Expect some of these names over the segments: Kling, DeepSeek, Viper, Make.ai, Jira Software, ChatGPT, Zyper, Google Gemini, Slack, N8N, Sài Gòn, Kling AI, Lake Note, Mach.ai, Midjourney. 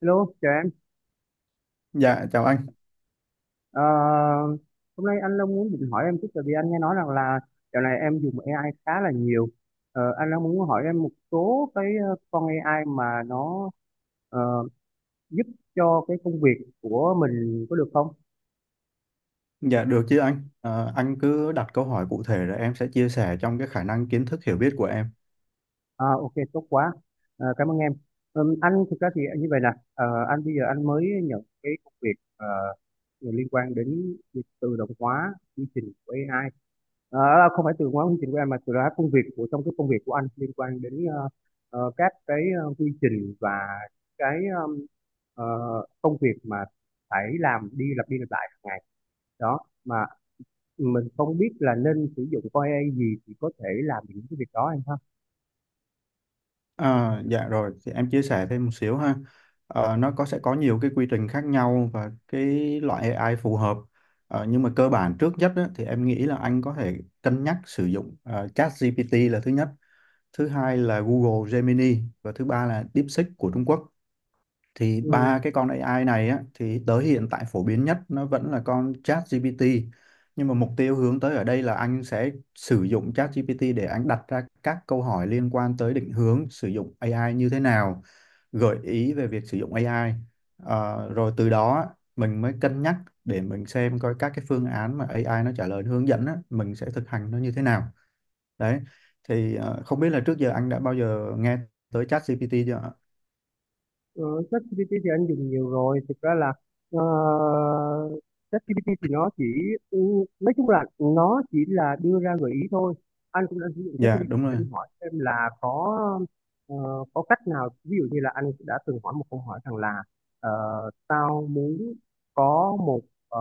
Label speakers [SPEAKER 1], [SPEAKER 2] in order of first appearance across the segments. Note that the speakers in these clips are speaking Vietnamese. [SPEAKER 1] Hello, chào em.
[SPEAKER 2] Dạ chào anh.
[SPEAKER 1] Ờ, Hôm nay anh Long muốn định hỏi em chút, tại vì anh nghe nói rằng là dạo này em dùng AI khá là nhiều. Anh Long muốn hỏi em một số cái con AI mà nó ờ, giúp cho cái công việc của mình có được không?
[SPEAKER 2] Dạ được chứ anh. Ờ, anh cứ đặt câu hỏi cụ thể rồi em sẽ chia sẻ trong cái khả năng kiến thức hiểu biết của em.
[SPEAKER 1] À, ok, tốt quá. Cảm ơn em. Anh thực ra thì như vậy nè. Ờ, anh bây giờ anh mới nhận cái công việc liên quan đến việc tự động hóa quy trình của AI. Đó không phải từ hóa quy trình của em, mà từ đó công việc của trong cái công việc của anh liên quan đến các cái quy trình và cái um, ờ, công việc mà phải làm đi lặp lại hàng ngày đó, mà mình không biết là nên sử dụng con AI gì thì có thể làm những cái việc đó anh ha?
[SPEAKER 2] Dạ rồi thì em chia sẻ thêm một xíu ha. Nó có sẽ có nhiều cái quy trình khác nhau và cái loại AI phù hợp. Nhưng mà cơ bản trước nhất á, thì em nghĩ là anh có thể cân nhắc sử dụng ChatGPT là thứ nhất, thứ hai là Google Gemini và thứ ba là DeepSeek của Trung Quốc. Thì ba
[SPEAKER 1] Ừ.
[SPEAKER 2] cái con AI này á thì tới hiện tại phổ biến nhất nó vẫn là con ChatGPT, nhưng mà mục tiêu hướng tới ở đây là anh sẽ sử dụng ChatGPT để anh đặt ra các câu hỏi liên quan tới định hướng sử dụng AI như thế nào, gợi ý về việc sử dụng AI. Rồi từ đó á, mình mới cân nhắc để mình xem coi các cái phương án mà AI nó trả lời hướng dẫn á, mình sẽ thực hành nó như thế nào đấy. Thì không biết là trước giờ anh đã bao giờ nghe tới ChatGPT chưa ạ?
[SPEAKER 1] Ờ, ChatGPT thì anh dùng nhiều rồi, thực ra là ờ, ChatGPT thì nó chỉ ừ, nói chung là nó chỉ là đưa ra gợi ý thôi. Anh cũng đã sử dụng
[SPEAKER 2] Dạ
[SPEAKER 1] ChatGPT để
[SPEAKER 2] đúng rồi.
[SPEAKER 1] anh hỏi xem là ờ, có cách nào, ví dụ như là anh đã từng hỏi một câu hỏi rằng là ờ, tao muốn có một ờ,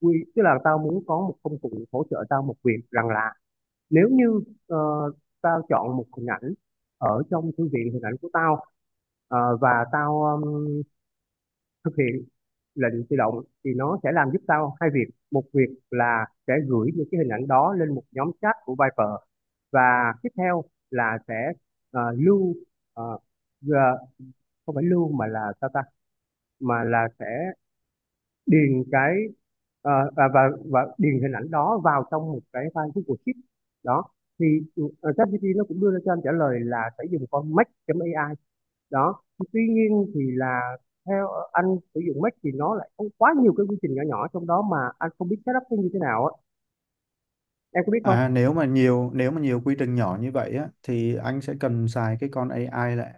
[SPEAKER 1] quy tức là tao muốn có một công cụ hỗ trợ tao một việc rằng là nếu như ờ, tao chọn một hình ảnh ở trong thư viện hình ảnh của tao, và tao thực hiện lệnh tự động, thì nó sẽ làm giúp tao hai việc: một việc là sẽ gửi những cái hình ảnh đó lên một nhóm chat của Viper, và tiếp theo là sẽ lưu, ờ, gờ- không phải lưu mà là sao ta, mà là sẽ điền cái ờ, và, và và điền hình ảnh đó vào trong một cái file Google Sheet. Đó thì ChatGPT nó cũng đưa ra cho anh trả lời là sẽ dùng con Mach.ai. Đó, tuy nhiên thì là theo anh sử dụng Mach thì nó lại có quá nhiều cái quy trình nhỏ nhỏ trong đó mà anh không biết setup nó như thế nào á. Em có biết không?
[SPEAKER 2] À, nếu mà nhiều quy trình nhỏ như vậy á thì anh sẽ cần xài cái con AI là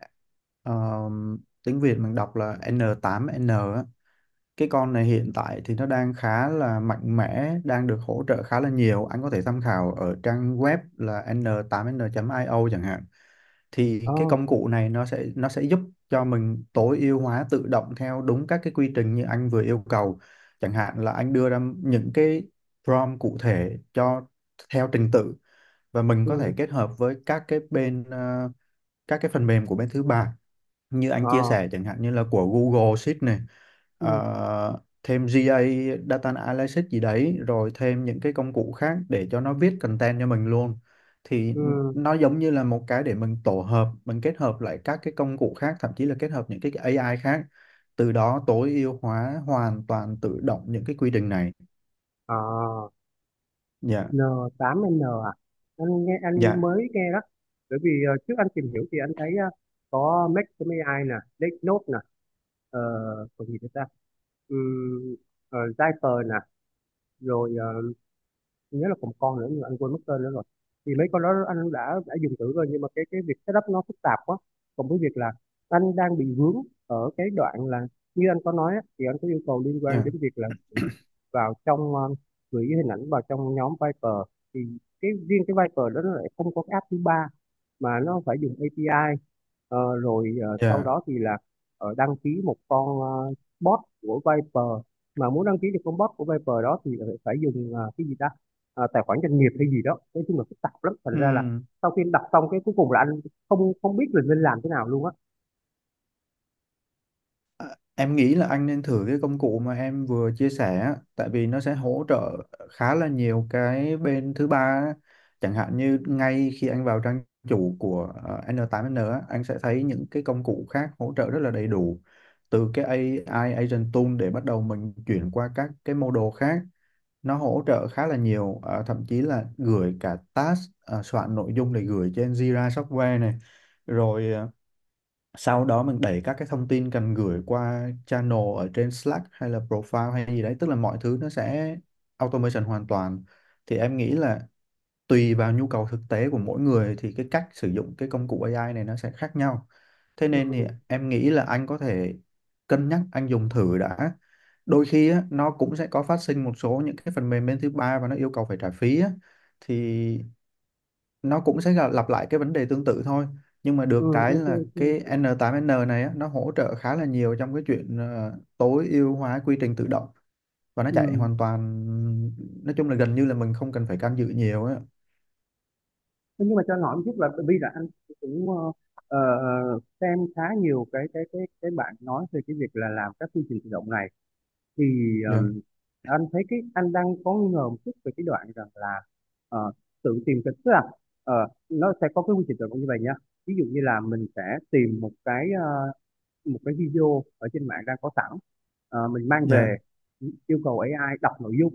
[SPEAKER 2] um, tiếng Việt mình đọc là n tám n á. Cái con này hiện tại thì nó đang khá là mạnh mẽ, đang được hỗ trợ khá là nhiều. Anh có thể tham khảo ở trang web là n 8 n O chẳng hạn. Thì
[SPEAKER 1] ờ
[SPEAKER 2] cái công cụ này nó sẽ giúp cho mình tối ưu hóa tự động theo đúng các cái quy trình như anh vừa yêu cầu. Chẳng hạn là anh đưa ra những cái prompt cụ thể cho theo trình tự, và mình có thể
[SPEAKER 1] ừ.
[SPEAKER 2] kết hợp với các cái bên các cái phần mềm của bên thứ ba như anh
[SPEAKER 1] ờ
[SPEAKER 2] chia sẻ, chẳng hạn như là của Google Sheet này,
[SPEAKER 1] ừ.
[SPEAKER 2] thêm giê A Data Analysis gì đấy, rồi thêm những cái công cụ khác để cho nó viết content cho mình luôn. Thì
[SPEAKER 1] Ừ.
[SPEAKER 2] nó giống như là một cái để mình kết hợp lại các cái công cụ khác, thậm chí là kết hợp những cái AI khác, từ đó tối ưu hóa hoàn toàn tự động những cái quy trình này.
[SPEAKER 1] ờ
[SPEAKER 2] Dạ.
[SPEAKER 1] N8N à? Anh nghe
[SPEAKER 2] Dạ.
[SPEAKER 1] anh mới nghe đó. Bởi vì trước anh tìm hiểu thì anh thấy có Make.ai nè, Lake Note nè, ờ, còn gì nữa ta? Um, Zyper nè, rồi nhớ là còn một con nữa nhưng mà anh quên mất tên nữa rồi. Thì mấy con đó anh đã dùng thử rồi, nhưng mà cái việc setup nó phức tạp quá, cộng với việc là anh đang bị vướng ở cái đoạn là, như anh có nói á, thì anh có yêu cầu liên quan
[SPEAKER 2] Dạ.
[SPEAKER 1] đến việc là vào trong ờ, gửi hình ảnh vào trong nhóm Viper. Thì cái riêng cái Viper đó nó lại không có cái app thứ ba, mà nó phải dùng API. Rồi sau
[SPEAKER 2] Dạ.
[SPEAKER 1] đó thì là đăng ký một con bot của Viper, mà muốn đăng ký được con bot của Viper đó thì lại phải dùng cái gì ta, tài khoản doanh nghiệp hay gì đó, nói chung là phức tạp lắm, thành
[SPEAKER 2] Ừ.
[SPEAKER 1] ra là sau khi anh đọc xong cái cuối cùng là anh không không biết là nên làm thế nào luôn á.
[SPEAKER 2] À, em nghĩ là anh nên thử cái công cụ mà em vừa chia sẻ á, tại vì nó sẽ hỗ trợ khá là nhiều cái bên thứ ba á. Chẳng hạn như ngay khi anh vào trang chủ của N8N á, anh sẽ thấy những cái công cụ khác hỗ trợ rất là đầy đủ, từ cái AI Agent Tool để bắt đầu mình chuyển qua các cái model khác. Nó hỗ trợ khá là nhiều, thậm chí là gửi cả task, soạn nội dung để gửi trên Jira Software này, rồi sau đó mình đẩy các cái thông tin cần gửi qua channel ở trên Slack hay là profile hay gì đấy, tức là mọi thứ nó sẽ automation hoàn toàn. Thì em nghĩ là tùy vào nhu cầu thực tế của mỗi người thì cái cách sử dụng cái công cụ AI này nó sẽ khác nhau, thế
[SPEAKER 1] Ừ,
[SPEAKER 2] nên thì em nghĩ là anh có thể cân nhắc anh dùng thử đã. Đôi khi á, nó cũng sẽ có phát sinh một số những cái phần mềm bên thứ ba và nó yêu cầu phải trả phí á. Thì nó cũng sẽ lặp lại cái vấn đề tương tự thôi, nhưng mà
[SPEAKER 1] ừ,
[SPEAKER 2] được cái
[SPEAKER 1] ok,
[SPEAKER 2] là cái
[SPEAKER 1] ok,
[SPEAKER 2] N8N này á, nó hỗ trợ khá là nhiều trong cái chuyện tối ưu hóa quy trình tự động, và nó
[SPEAKER 1] ừ.
[SPEAKER 2] chạy hoàn toàn, nói chung là gần như là mình không cần phải can dự nhiều á.
[SPEAKER 1] Thế nhưng mà cho anh hỏi một chút là, bởi vì là anh cũng ờ, xem khá nhiều cái bạn nói về cái việc là làm các chương trình tự động này, thì
[SPEAKER 2] Dạ.
[SPEAKER 1] ờm, anh thấy cái anh đang có nghi ngờ một chút về cái đoạn rằng là ờ, tự tìm cái tức là ờ, nó sẽ có cái quy trình tự động như vậy nhá. Ví dụ như là mình sẽ tìm một cái video ở trên mạng đang có sẵn. Mình mang
[SPEAKER 2] Dạ.
[SPEAKER 1] về yêu cầu AI đọc nội dung.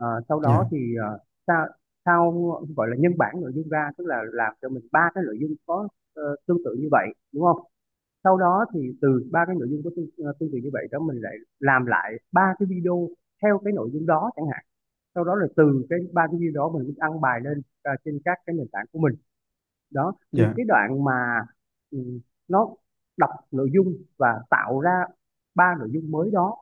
[SPEAKER 1] Sau đó
[SPEAKER 2] Dạ.
[SPEAKER 1] thì ờ, sao sao gọi là nhân bản nội dung ra, tức là làm cho mình ba cái nội dung có tương tự như vậy, đúng không? Sau đó thì từ ba cái nội dung có tương tự như vậy đó, mình lại làm lại ba cái video theo cái nội dung đó chẳng hạn. Sau đó là từ cái ba cái video đó mình mới đăng bài lên trên các cái nền tảng của mình. Đó thì
[SPEAKER 2] Dạ.
[SPEAKER 1] cái đoạn mà ừ, nó đọc nội dung và tạo ra ba nội dung mới đó,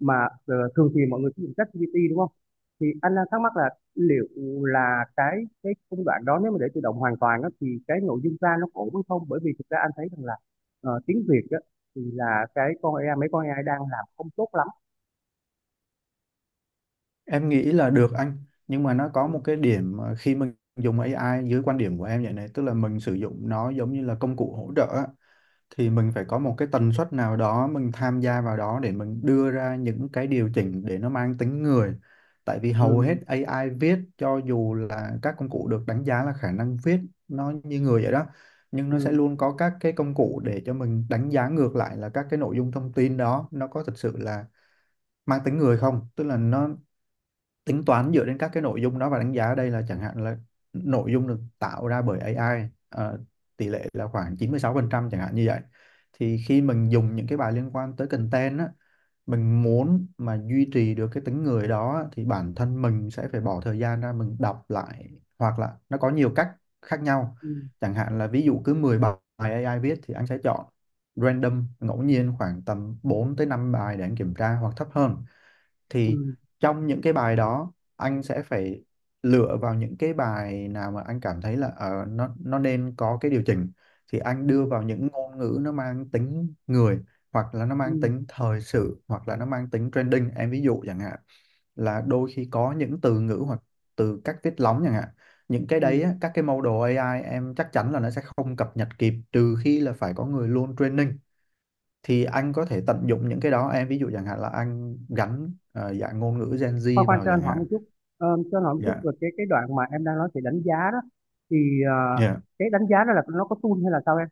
[SPEAKER 1] mà thường thì mọi người sử dụng ChatGPT đúng không, thì anh đang thắc mắc là liệu là cái công đoạn đó nếu mà để tự động hoàn toàn á, thì cái nội dung ra nó ổn hay không? Bởi vì thực ra anh thấy rằng là tiếng Việt á, thì là cái con AI mấy con AI đang làm không tốt lắm.
[SPEAKER 2] Em nghĩ là được anh, nhưng mà nó
[SPEAKER 1] Ừ,
[SPEAKER 2] có một cái điểm mà khi mình dùng AI dưới quan điểm của em vậy này, tức là mình sử dụng nó giống như là công cụ hỗ trợ á, thì mình phải có một cái tần suất nào đó mình tham gia vào đó để mình đưa ra những cái điều chỉnh để nó mang tính người. Tại vì hầu hết
[SPEAKER 1] ừ,
[SPEAKER 2] AI viết cho dù là các công cụ được đánh giá là khả năng viết nó như người vậy đó, nhưng nó sẽ
[SPEAKER 1] ừ,
[SPEAKER 2] luôn có các cái công cụ để cho mình đánh giá ngược lại là các cái nội dung thông tin đó nó có thực sự là mang tính người không, tức là nó tính toán dựa trên các cái nội dung đó, và đánh giá ở đây là chẳng hạn là nội dung được tạo ra bởi AI tỷ lệ là khoảng 96% chẳng hạn như vậy. Thì khi mình dùng những cái bài liên quan tới content á, mình muốn mà duy trì được cái tính người đó thì bản thân mình sẽ phải bỏ thời gian ra mình đọc lại, hoặc là nó có nhiều cách khác nhau.
[SPEAKER 1] ừ,
[SPEAKER 2] Chẳng hạn là ví dụ cứ 10 bài AI viết thì anh sẽ chọn random ngẫu nhiên khoảng tầm 4 tới 5 bài để anh kiểm tra hoặc thấp hơn. Thì
[SPEAKER 1] ừ,
[SPEAKER 2] trong những cái bài đó anh sẽ phải lựa vào những cái bài nào mà anh cảm thấy là nó nên có cái điều chỉnh, thì anh
[SPEAKER 1] ừ,
[SPEAKER 2] đưa
[SPEAKER 1] ừ,
[SPEAKER 2] vào những ngôn ngữ nó mang tính người, hoặc là nó mang
[SPEAKER 1] ừ.
[SPEAKER 2] tính thời sự, hoặc là nó mang tính trending em ví dụ chẳng hạn, là đôi khi có những từ ngữ hoặc từ cách viết lóng chẳng hạn. Những cái đấy
[SPEAKER 1] Ừ.
[SPEAKER 2] á, các cái model AI em chắc chắn là nó sẽ không cập nhật kịp, trừ khi là phải có người luôn training. Thì anh có thể tận dụng những cái đó em ví dụ chẳng hạn là anh gắn dạng ngôn ngữ Gen
[SPEAKER 1] Khoan
[SPEAKER 2] Z
[SPEAKER 1] khoan,
[SPEAKER 2] vào
[SPEAKER 1] cho
[SPEAKER 2] chẳng
[SPEAKER 1] anh hỏi
[SPEAKER 2] hạn.
[SPEAKER 1] một chút. Cho anh hỏi một chút
[SPEAKER 2] Dạ.
[SPEAKER 1] về cái đoạn mà em đang nói về đánh giá đó. Thì ờ,
[SPEAKER 2] Dạ.
[SPEAKER 1] cái đánh giá đó là nó có tool hay là sao em?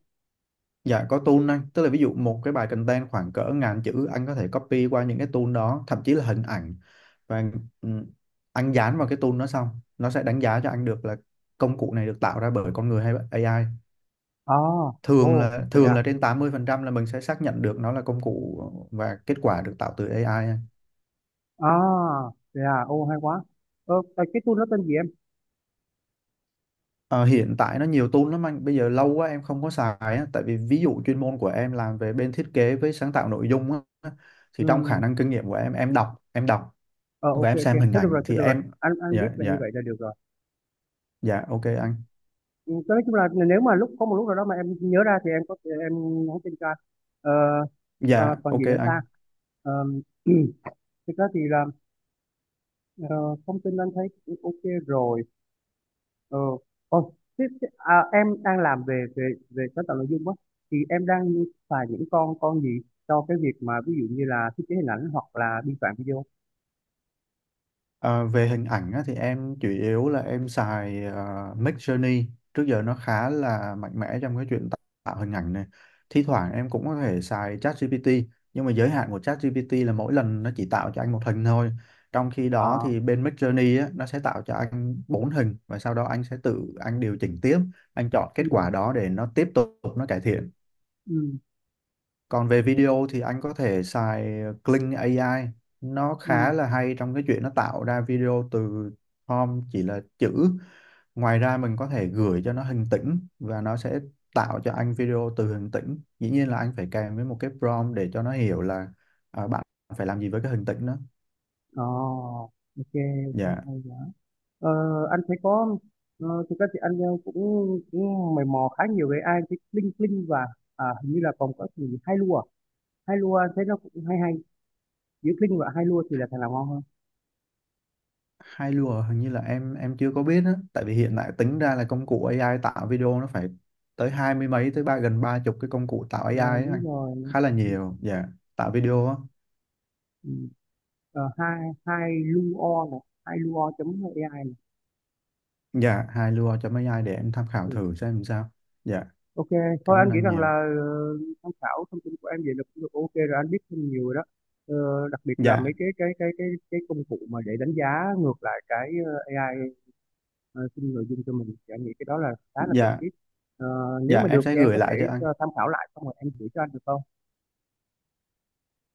[SPEAKER 2] Dạ có tool anh, tức là ví dụ một cái bài content khoảng cỡ ngàn chữ anh có thể copy qua những cái tool đó, thậm chí là hình ảnh, và ừm, anh dán vào cái tool đó, xong nó sẽ đánh giá cho anh được là công cụ này được tạo ra bởi con người hay bởi AI.
[SPEAKER 1] À, ồ, vậy
[SPEAKER 2] Thường
[SPEAKER 1] à?
[SPEAKER 2] là trên 80% là mình sẽ xác nhận được nó là công cụ và kết quả được tạo từ AI.
[SPEAKER 1] À, vậy à? Ồ, hay quá. Cái tool nó tên gì em?
[SPEAKER 2] Ờ, hiện tại nó nhiều tool lắm anh, bây giờ lâu quá em không có xài á, tại vì ví dụ chuyên môn của em làm về bên thiết kế với sáng tạo nội dung á, thì trong khả
[SPEAKER 1] Ừ.
[SPEAKER 2] năng kinh nghiệm của em, em đọc
[SPEAKER 1] ờ
[SPEAKER 2] và
[SPEAKER 1] ok,
[SPEAKER 2] em
[SPEAKER 1] ok,
[SPEAKER 2] xem hình
[SPEAKER 1] thôi được rồi,
[SPEAKER 2] ảnh
[SPEAKER 1] thôi
[SPEAKER 2] thì
[SPEAKER 1] được rồi,
[SPEAKER 2] em.
[SPEAKER 1] anh biết
[SPEAKER 2] Dạ.
[SPEAKER 1] là như
[SPEAKER 2] Dạ.
[SPEAKER 1] vậy là được rồi.
[SPEAKER 2] Dạ ok anh.
[SPEAKER 1] Ừ, nói chung là nếu mà lúc có một lúc nào đó mà em nhớ ra thì em có thể nhắn tin cho anh. ờ,
[SPEAKER 2] Dạ
[SPEAKER 1] Còn
[SPEAKER 2] ok
[SPEAKER 1] gì nữa ta?
[SPEAKER 2] anh.
[SPEAKER 1] Ờ, Thực ra thì là ờ, thông tin anh thấy cũng ok rồi. Ờ, tiếp à, em đang làm về về về sáng tạo nội dung á, thì em đang xài những con gì cho cái việc mà ví dụ như là thiết kế hình ảnh hoặc là biên soạn video?
[SPEAKER 2] Ờ, về hình ảnh á, thì em chủ yếu là em xài Midjourney. Trước giờ nó khá là mạnh mẽ trong cái chuyện tạo tạo hình ảnh này. Thi thoảng em cũng có thể xài ChatGPT, nhưng mà giới hạn của ChatGPT là mỗi lần nó chỉ tạo cho anh 1 hình thôi, trong khi
[SPEAKER 1] Ờ,
[SPEAKER 2] đó thì bên Midjourney á, nó sẽ tạo cho anh 4 hình và sau đó anh sẽ tự anh điều chỉnh tiếp, anh chọn kết
[SPEAKER 1] ừ,
[SPEAKER 2] quả đó để nó tiếp tục nó cải thiện.
[SPEAKER 1] ừ,
[SPEAKER 2] Còn về video thì anh có thể xài Kling AI. Nó
[SPEAKER 1] ừ.
[SPEAKER 2] khá là hay trong cái chuyện nó tạo ra video từ prompt chỉ là chữ. Ngoài ra mình có thể gửi cho nó hình tĩnh và nó sẽ tạo cho anh video từ hình tĩnh. Dĩ nhiên là anh phải kèm với một cái prompt để cho nó hiểu là à, bạn phải làm gì với cái hình tĩnh đó.
[SPEAKER 1] ờ ok, ok,
[SPEAKER 2] Dạ.
[SPEAKER 1] hay quá. ờ, anh thấy có thực ra thì anh cũng cũng mày mò khá nhiều về AI, cái Kling Kling và, à, hình như là còn có cái gì hai lua. Hai lua anh thấy nó cũng hay hay. Giữa Kling và hai lua thì là thằng nào ngon hơn?
[SPEAKER 2] Hai lùa hình như là em chưa có biết á, tại vì hiện tại tính ra là công cụ AI tạo video nó phải tới hai mươi mấy, tới ba, gần ba chục cái công cụ tạo AI
[SPEAKER 1] Ờ,
[SPEAKER 2] ấy
[SPEAKER 1] Đúng
[SPEAKER 2] anh.
[SPEAKER 1] rồi, nó
[SPEAKER 2] Khá là
[SPEAKER 1] có cái gì.
[SPEAKER 2] nhiều. Dạ, tạo
[SPEAKER 1] Ừ.
[SPEAKER 2] video á.
[SPEAKER 1] Ừ. Ờ, hai hai luo này, hai luo chấm ai này.
[SPEAKER 2] Dạ, hai lùa cho mấy ai để em tham khảo
[SPEAKER 1] Ừ.
[SPEAKER 2] thử xem làm sao. Dạ,
[SPEAKER 1] Ok thôi
[SPEAKER 2] cảm ơn
[SPEAKER 1] anh nghĩ
[SPEAKER 2] anh
[SPEAKER 1] rằng là
[SPEAKER 2] nhiều.
[SPEAKER 1] tham khảo thông tin của em vậy là cũng được ok rồi, anh biết thêm nhiều rồi đó. Đặc biệt là
[SPEAKER 2] Dạ.
[SPEAKER 1] mấy cái công cụ mà để đánh giá ngược lại cái AI sinh nội dung cho mình, thì anh nghĩ cái đó là khá là cần
[SPEAKER 2] Dạ.
[SPEAKER 1] thiết. Ờ, Nếu
[SPEAKER 2] Dạ
[SPEAKER 1] mà
[SPEAKER 2] em
[SPEAKER 1] được
[SPEAKER 2] sẽ
[SPEAKER 1] thì em
[SPEAKER 2] gửi
[SPEAKER 1] có thể
[SPEAKER 2] lại cho anh.
[SPEAKER 1] tham khảo lại xong rồi em gửi cho anh được không?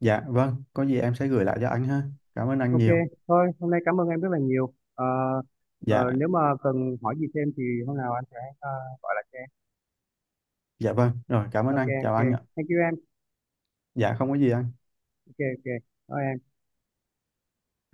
[SPEAKER 2] Dạ vâng, có gì em sẽ gửi lại cho anh ha. Cảm ơn anh
[SPEAKER 1] Ok,
[SPEAKER 2] nhiều.
[SPEAKER 1] thôi hôm nay cảm ơn em rất là nhiều. Ờ,
[SPEAKER 2] Dạ.
[SPEAKER 1] Nếu mà cần hỏi gì thêm thì hôm nào anh sẽ gọi lại cho em.
[SPEAKER 2] Dạ vâng rồi, cảm ơn
[SPEAKER 1] Ok,
[SPEAKER 2] anh, chào
[SPEAKER 1] ok,
[SPEAKER 2] anh ạ.
[SPEAKER 1] thank you em.
[SPEAKER 2] Dạ không có gì anh.
[SPEAKER 1] Ok, ok, thôi em.